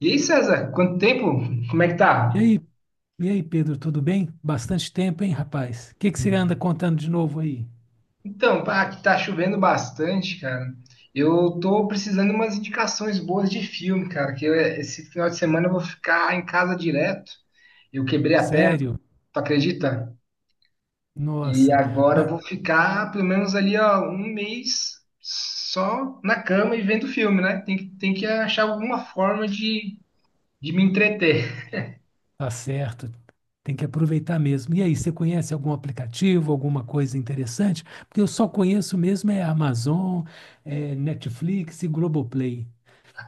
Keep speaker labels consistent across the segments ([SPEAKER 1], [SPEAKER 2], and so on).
[SPEAKER 1] E aí, César, quanto tempo? Como é que
[SPEAKER 2] E
[SPEAKER 1] tá?
[SPEAKER 2] aí, Pedro, tudo bem? Bastante tempo, hein, rapaz? O que que você anda contando de novo aí?
[SPEAKER 1] Aqui tá chovendo bastante, cara. Eu tô precisando de umas indicações boas de filme, cara, esse final de semana eu vou ficar em casa direto. Eu quebrei a perna,
[SPEAKER 2] Sério?
[SPEAKER 1] tu acredita? E
[SPEAKER 2] Nossa,
[SPEAKER 1] agora eu
[SPEAKER 2] mas
[SPEAKER 1] vou ficar pelo menos ali, ó, um mês só na cama e vendo filme, né? Tem que achar alguma forma de me entreter.
[SPEAKER 2] tá certo. Tem que aproveitar mesmo. E aí, você conhece algum aplicativo, alguma coisa interessante? Porque eu só conheço mesmo é Amazon, é Netflix e Globoplay.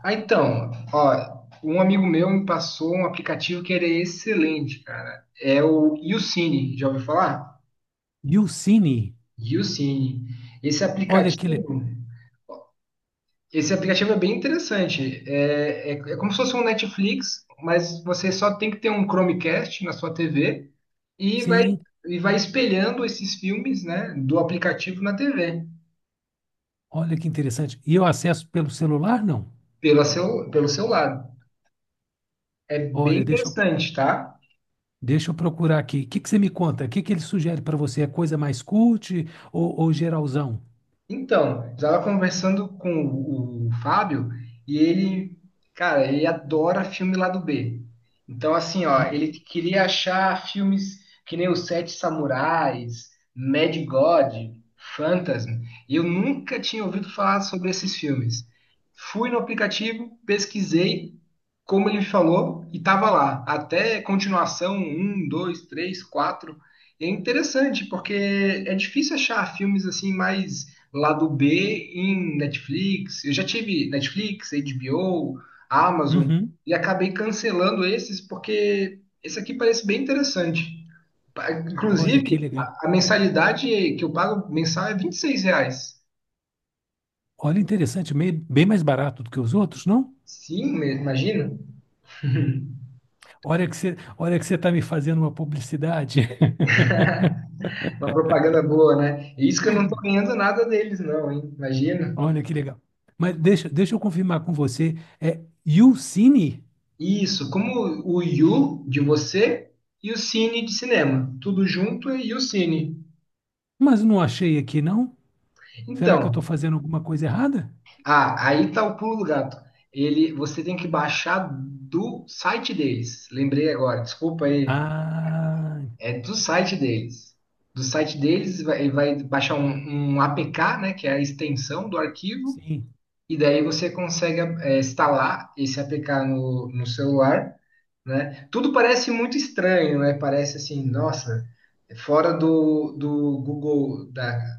[SPEAKER 1] Então, ó, um amigo meu me passou um aplicativo que ele é excelente, cara. É o YouCine, já ouviu falar?
[SPEAKER 2] E o Cine,
[SPEAKER 1] YouCine. Esse
[SPEAKER 2] olha.
[SPEAKER 1] aplicativo, esse aplicativo é bem interessante. É como se fosse um Netflix, mas você só tem que ter um Chromecast na sua TV e vai,
[SPEAKER 2] Sim,
[SPEAKER 1] e vai espelhando esses filmes, né, do aplicativo na TV,
[SPEAKER 2] olha que interessante. E eu acesso pelo celular, não?
[SPEAKER 1] pelo seu lado. É bem
[SPEAKER 2] Olha, deixa eu
[SPEAKER 1] interessante, tá?
[SPEAKER 2] Deixa eu procurar aqui. O que que você me conta? O que que ele sugere para você? É coisa mais cult ou geralzão?
[SPEAKER 1] Então, eu estava conversando com o Fábio e ele, cara, ele adora filme lado B. Então, assim, ó, ele
[SPEAKER 2] Uhum.
[SPEAKER 1] queria achar filmes que nem Os Sete Samurais, Mad God, Phantasm. E eu nunca tinha ouvido falar sobre esses filmes. Fui no aplicativo, pesquisei, como ele falou, e tava lá. Até continuação, um, dois, três, quatro. É interessante, porque é difícil achar filmes assim mais lado B em Netflix. Eu já tive Netflix, HBO, Amazon
[SPEAKER 2] Uhum.
[SPEAKER 1] e acabei cancelando esses porque esse aqui parece bem interessante.
[SPEAKER 2] Olha
[SPEAKER 1] Inclusive,
[SPEAKER 2] que legal.
[SPEAKER 1] a mensalidade que eu pago mensal é R$ 26.
[SPEAKER 2] Olha, interessante, meio- bem mais barato do que os outros, não?
[SPEAKER 1] Sim, imagina.
[SPEAKER 2] Olha que você está me fazendo uma publicidade.
[SPEAKER 1] Uma propaganda boa, né? E isso que eu não tô ganhando nada deles, não, hein? Imagina.
[SPEAKER 2] Olha que legal. Deixa eu confirmar com você. É Youcine?
[SPEAKER 1] Isso, como o You de você e o Cine de cinema. Tudo junto e o Cine.
[SPEAKER 2] Mas não achei aqui, não? Será que eu
[SPEAKER 1] Então,
[SPEAKER 2] estou fazendo alguma coisa errada?
[SPEAKER 1] ah, aí tá o pulo do gato. Ele, você tem que baixar do site deles. Lembrei agora, desculpa aí.
[SPEAKER 2] Ah,
[SPEAKER 1] É do site deles. Do site deles, ele vai baixar um APK, né, que é a extensão do arquivo,
[SPEAKER 2] sim.
[SPEAKER 1] e daí você consegue instalar esse APK no celular, né? Tudo parece muito estranho, né? Parece assim, nossa, é fora do Google,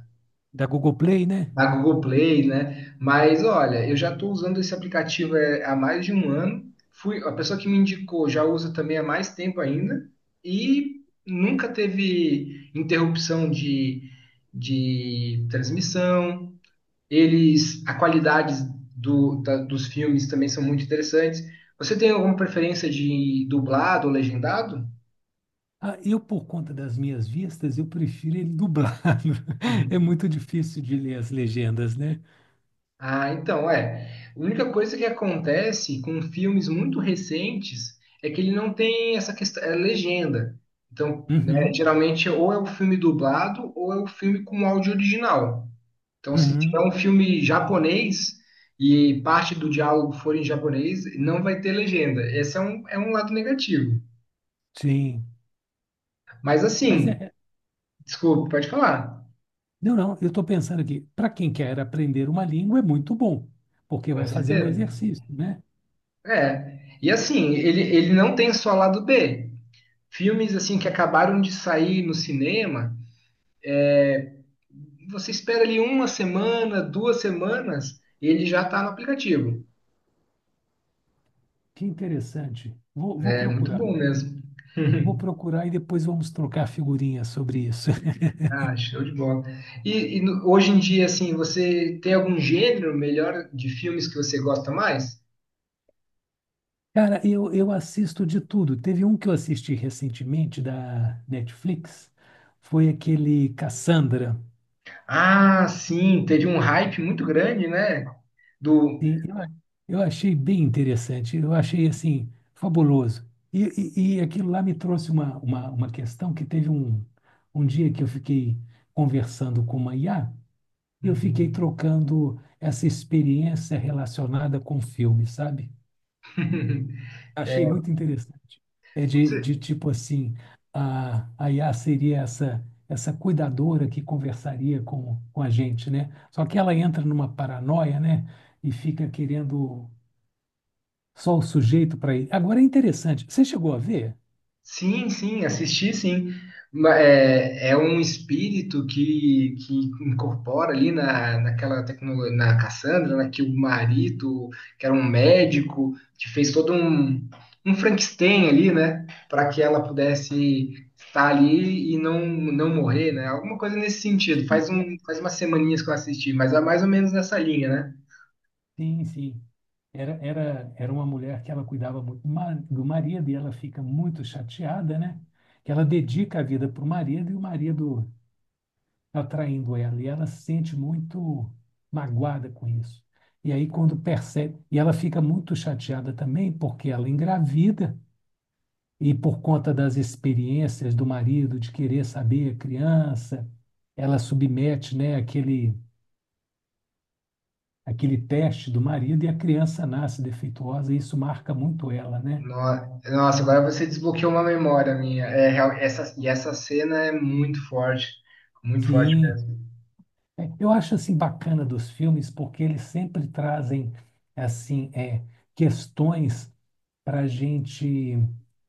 [SPEAKER 2] Da Google Play, né?
[SPEAKER 1] da Google Play, né? Mas olha, eu já estou usando esse aplicativo há mais de um ano. Fui, a pessoa que me indicou já usa também há mais tempo ainda e nunca teve interrupção de transmissão. Eles, a qualidade dos filmes também são muito interessantes. Você tem alguma preferência de dublado ou legendado?
[SPEAKER 2] Por conta das minhas vistas, eu prefiro ele dublado. É
[SPEAKER 1] Uhum.
[SPEAKER 2] muito difícil de ler as legendas, né?
[SPEAKER 1] Ah, então, é. A única coisa que acontece com filmes muito recentes é que ele não tem essa questão, é legenda. Então, né,
[SPEAKER 2] Uhum,
[SPEAKER 1] geralmente é ou é o filme dublado ou é o filme com áudio original. Então, se tiver um
[SPEAKER 2] uhum,
[SPEAKER 1] filme japonês e parte do diálogo for em japonês, não vai ter legenda. Esse é é um lado negativo.
[SPEAKER 2] sim.
[SPEAKER 1] Mas
[SPEAKER 2] Mas é.
[SPEAKER 1] assim,
[SPEAKER 2] é-
[SPEAKER 1] desculpa, pode falar.
[SPEAKER 2] Não, não, eu estou pensando aqui, para quem quer aprender uma língua é muito bom, porque
[SPEAKER 1] Com
[SPEAKER 2] vai fazer um
[SPEAKER 1] certeza.
[SPEAKER 2] exercício, né?
[SPEAKER 1] É. E assim, ele não tem só lado B. Filmes assim que acabaram de sair no cinema, você espera ali uma semana, duas semanas, e ele já está no aplicativo.
[SPEAKER 2] Que interessante. Vou
[SPEAKER 1] É muito
[SPEAKER 2] procurar.
[SPEAKER 1] bom mesmo.
[SPEAKER 2] Vou procurar e depois vamos trocar figurinhas sobre isso.
[SPEAKER 1] Ah, show de bola. Hoje em dia, assim, você tem algum gênero melhor de filmes que você gosta mais?
[SPEAKER 2] Eu assisto de tudo. Teve um que eu assisti recentemente da Netflix, foi aquele Cassandra.
[SPEAKER 1] Ah, sim, teve um hype muito grande, né? Do.
[SPEAKER 2] Sim, eu, a- eu achei bem interessante, eu achei assim, fabuloso. E, e aquilo lá me trouxe uma questão que teve um dia que eu fiquei conversando com uma IA e eu fiquei
[SPEAKER 1] Uhum.
[SPEAKER 2] trocando essa experiência relacionada com filme, sabe? Achei muito interessante. É
[SPEAKER 1] Você-
[SPEAKER 2] de tipo assim, a IA seria essa, essa cuidadora que conversaria com a gente, né? Só que ela entra numa paranoia, né? E fica querendo só o sujeito para ele. Agora é interessante. Você chegou a ver?
[SPEAKER 1] Sim, sim, assisti sim. É, é um espírito que incorpora ali naquela tecnologia, na Cassandra, né, que o marido, que era um médico, que fez todo um Frankenstein ali, né, para que ela pudesse estar ali e não morrer, né, alguma coisa nesse sentido.
[SPEAKER 2] Sim, é-
[SPEAKER 1] Faz umas semaninhas que eu assisti, mas é mais ou menos nessa linha, né?
[SPEAKER 2] sim. Sim. Era uma mulher que ela cuidava muito ma- do marido e ela fica muito chateada, né? Que ela dedica a vida para o marido e o marido tá traindo ela. E ela se sente muito magoada com isso. E aí, quando percebe. E ela fica muito chateada também porque ela engravida e por conta das experiências do marido de querer saber a criança, ela submete, né, aquele teste do marido e a criança nasce defeituosa e isso marca muito ela, né?
[SPEAKER 1] Nossa, agora você desbloqueou uma memória minha. Essa, e essa cena é muito forte
[SPEAKER 2] Sim.
[SPEAKER 1] mesmo.
[SPEAKER 2] É, eu acho assim bacana dos filmes porque eles sempre trazem assim é, questões para a gente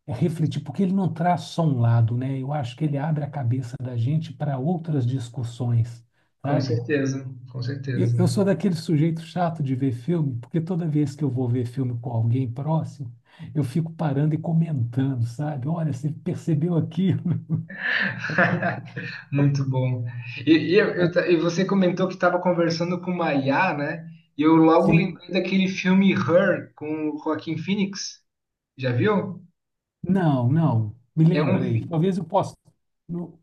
[SPEAKER 2] é, refletir, porque ele não traz só um lado, né? Eu acho que ele abre a cabeça da gente para outras discussões,
[SPEAKER 1] Com
[SPEAKER 2] sabe?
[SPEAKER 1] certeza, com certeza.
[SPEAKER 2] Eu sou daquele sujeito chato de ver filme, porque toda vez que eu vou ver filme com alguém próximo, eu fico parando e comentando, sabe? Olha, você percebeu aquilo?
[SPEAKER 1] Muito bom. E, e eu- eu
[SPEAKER 2] Ou,
[SPEAKER 1] ta- e você comentou que estava conversando com uma IA, né? E eu logo
[SPEAKER 2] sim.
[SPEAKER 1] lembrei daquele filme Her com o Joaquin Phoenix. Já viu?
[SPEAKER 2] Não, não. Me
[SPEAKER 1] É um
[SPEAKER 2] lembra aí.
[SPEAKER 1] fi-
[SPEAKER 2] Talvez eu possa. não-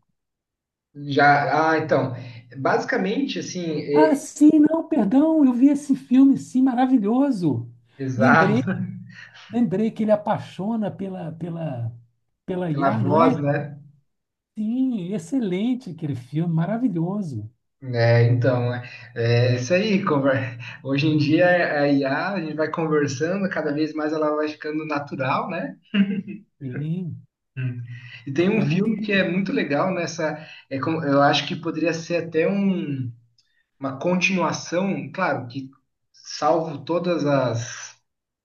[SPEAKER 1] então, basicamente assim,
[SPEAKER 2] Ah, sim, não, perdão. Eu vi esse filme, sim, maravilhoso. Lembrei,
[SPEAKER 1] exato.
[SPEAKER 2] lembrei que ele apaixona pela
[SPEAKER 1] Pela
[SPEAKER 2] IA, não
[SPEAKER 1] voz,
[SPEAKER 2] é?
[SPEAKER 1] né?
[SPEAKER 2] Sim, excelente aquele filme, maravilhoso.
[SPEAKER 1] É, então, é, é isso aí. Hoje em dia, a IA, a gente vai conversando, cada vez mais ela vai ficando natural, né?
[SPEAKER 2] Sim,
[SPEAKER 1] Hum. E tem um
[SPEAKER 2] é, é muito
[SPEAKER 1] filme que é
[SPEAKER 2] interessante.
[SPEAKER 1] muito legal nessa. Eu acho que poderia ser até uma continuação, claro, que salvo todas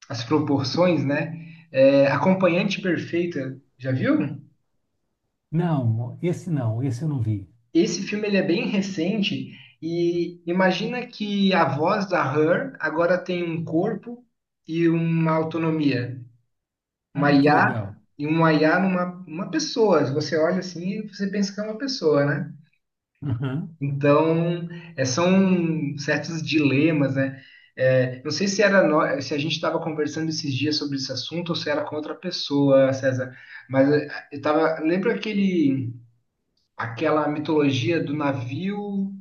[SPEAKER 1] as proporções, né? É, Acompanhante Perfeita, já viu?
[SPEAKER 2] Não, esse não, esse eu não vi.
[SPEAKER 1] Esse filme ele é bem recente e imagina que a voz da Her agora tem um corpo e uma autonomia,
[SPEAKER 2] Ah,
[SPEAKER 1] uma
[SPEAKER 2] que legal.
[SPEAKER 1] IA e uma IA numa uma pessoa. Você olha assim e você pensa que é uma pessoa, né?
[SPEAKER 2] Aham.
[SPEAKER 1] Então, é, são certos dilemas, né? É, não sei se era nó- se a gente estava conversando esses dias sobre esse assunto ou se era com outra pessoa, César. Mas é, eu tava, lembra aquele aquela mitologia do navio.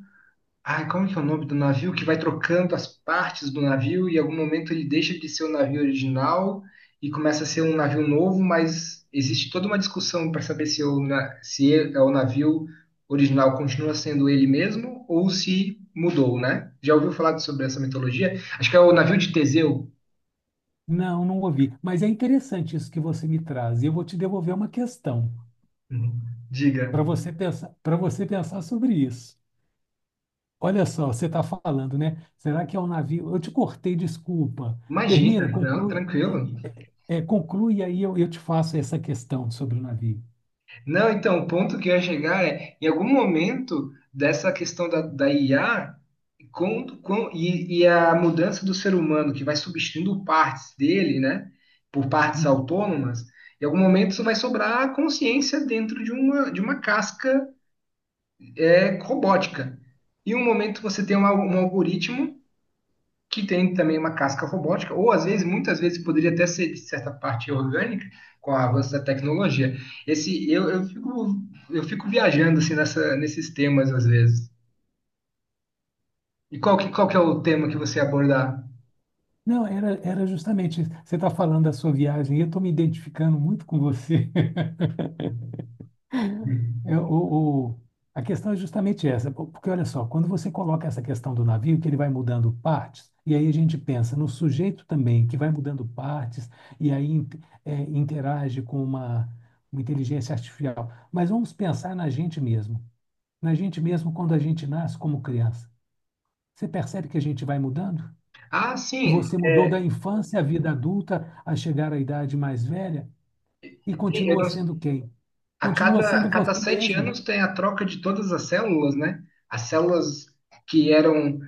[SPEAKER 1] Ai, como é que é o nome do navio que vai trocando as partes do navio e em algum momento ele deixa de ser o navio original e começa a ser um navio novo, mas existe toda uma discussão para saber se, se é o navio original continua sendo ele mesmo ou se mudou, né? Já ouviu falar sobre essa mitologia? Acho que é o navio de Teseu.
[SPEAKER 2] Não, não ouvi. Mas é interessante isso que você me traz. E eu vou te devolver uma questão
[SPEAKER 1] Uhum. Diga.
[SPEAKER 2] para você pensar sobre isso. Olha só, você está falando, né? Será que é um navio? Eu te cortei, desculpa.
[SPEAKER 1] Imagina,
[SPEAKER 2] Termina,
[SPEAKER 1] não,
[SPEAKER 2] conclui, e-
[SPEAKER 1] tranquilo.
[SPEAKER 2] é, conclui e aí eu te faço essa questão sobre o navio.
[SPEAKER 1] Não, então, o ponto que eu ia chegar é, em algum momento dessa questão da IA, e a mudança do ser humano que vai substituindo partes dele, né, por partes
[SPEAKER 2] Uhum.
[SPEAKER 1] autônomas, em algum momento isso vai sobrar a consciência dentro de de uma casca robótica. E um momento você tem um algoritmo que tem também uma casca robótica, ou às vezes, muitas vezes, poderia até ser de certa parte orgânica, com o avanço da tecnologia. Esse, eu, eu fico, eu fico viajando assim, nesses temas às vezes. E qual que é o tema que você ia abordar?
[SPEAKER 2] Não, era justamente isso. Você está falando da sua viagem e eu estou me identificando muito com você. É, o, o- a questão é justamente essa, po- porque olha só, quando você coloca essa questão do navio, que ele vai mudando partes, e aí a gente pensa no sujeito também, que vai mudando partes, e aí in- é, interage com uma inteligência artificial. Mas vamos pensar na gente mesmo quando a gente nasce como criança. Você percebe que a gente vai mudando?
[SPEAKER 1] Ah,
[SPEAKER 2] Que
[SPEAKER 1] sim,
[SPEAKER 2] você mudou da
[SPEAKER 1] é.
[SPEAKER 2] infância à vida adulta, a chegar à idade mais velha, e
[SPEAKER 1] Tem- eu
[SPEAKER 2] continua
[SPEAKER 1] não-
[SPEAKER 2] sendo quem? Continua
[SPEAKER 1] a
[SPEAKER 2] sendo
[SPEAKER 1] cada
[SPEAKER 2] você
[SPEAKER 1] sete
[SPEAKER 2] mesmo.
[SPEAKER 1] anos tem a troca de todas as células, né? As células que eram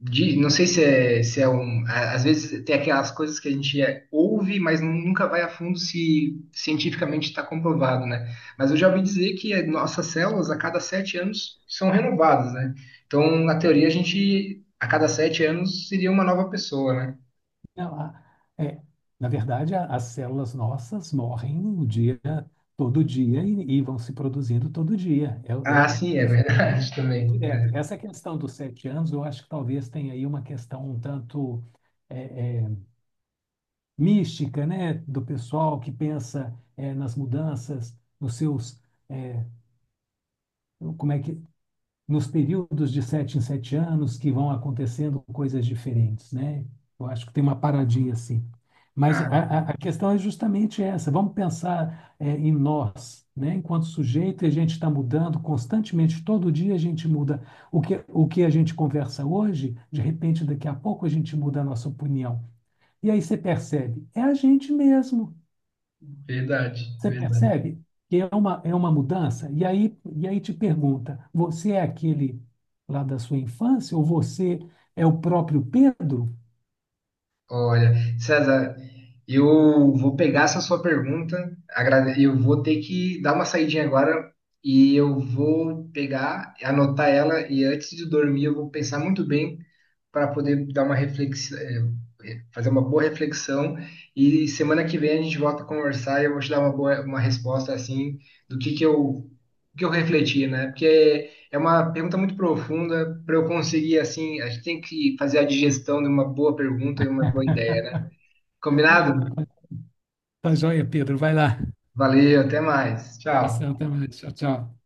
[SPEAKER 1] de, não sei se é, às vezes tem aquelas coisas que a gente ouve, mas nunca vai a fundo se cientificamente está comprovado, né? Mas eu já ouvi dizer que nossas células a cada sete anos são renovadas, né? Então, na teoria, a gente a cada sete anos seria uma nova pessoa, né?
[SPEAKER 2] Ela, é, na verdade, a- as células nossas morrem o dia, todo dia e vão se produzindo todo dia. É,
[SPEAKER 1] Ah,
[SPEAKER 2] é
[SPEAKER 1] sim, é
[SPEAKER 2] isso
[SPEAKER 1] verdade
[SPEAKER 2] é
[SPEAKER 1] também.
[SPEAKER 2] direto.
[SPEAKER 1] É.
[SPEAKER 2] Essa questão dos 7 anos, eu acho que talvez tenha aí uma questão um tanto é, é, mística, né, do pessoal que pensa é, nas mudanças, nos seus, é, como é que nos períodos de 7 em 7 anos que vão acontecendo coisas diferentes, né? Eu acho que tem uma paradinha assim. Mas
[SPEAKER 1] Ah,
[SPEAKER 2] a questão é justamente essa. Vamos pensar em nós, né? Enquanto sujeito, e a gente está mudando constantemente. Todo dia a gente muda o que a gente conversa hoje. De repente, daqui a pouco a gente muda a nossa opinião. E aí você percebe, é a gente mesmo.
[SPEAKER 1] verdade,
[SPEAKER 2] Você
[SPEAKER 1] verdade.
[SPEAKER 2] percebe que é é uma mudança? E aí te pergunta: você é aquele lá da sua infância ou você é o próprio Pedro?
[SPEAKER 1] Olha, César, eu vou pegar essa sua pergunta, eu vou ter que dar uma saidinha agora e eu vou pegar, anotar ela e antes de dormir eu vou pensar muito bem para poder dar uma reflexão, fazer uma boa reflexão. E semana que vem a gente volta a conversar e eu vou te dar uma resposta assim do que que eu refleti, né? Porque é uma pergunta muito profunda para eu conseguir assim, a gente tem que fazer a digestão de uma boa pergunta e uma boa ideia, né? Combinado?
[SPEAKER 2] Tá joia, Pedro. Vai lá.
[SPEAKER 1] Valeu, até mais. Tchau.
[SPEAKER 2] Abração, até mais. Tchau, tchau.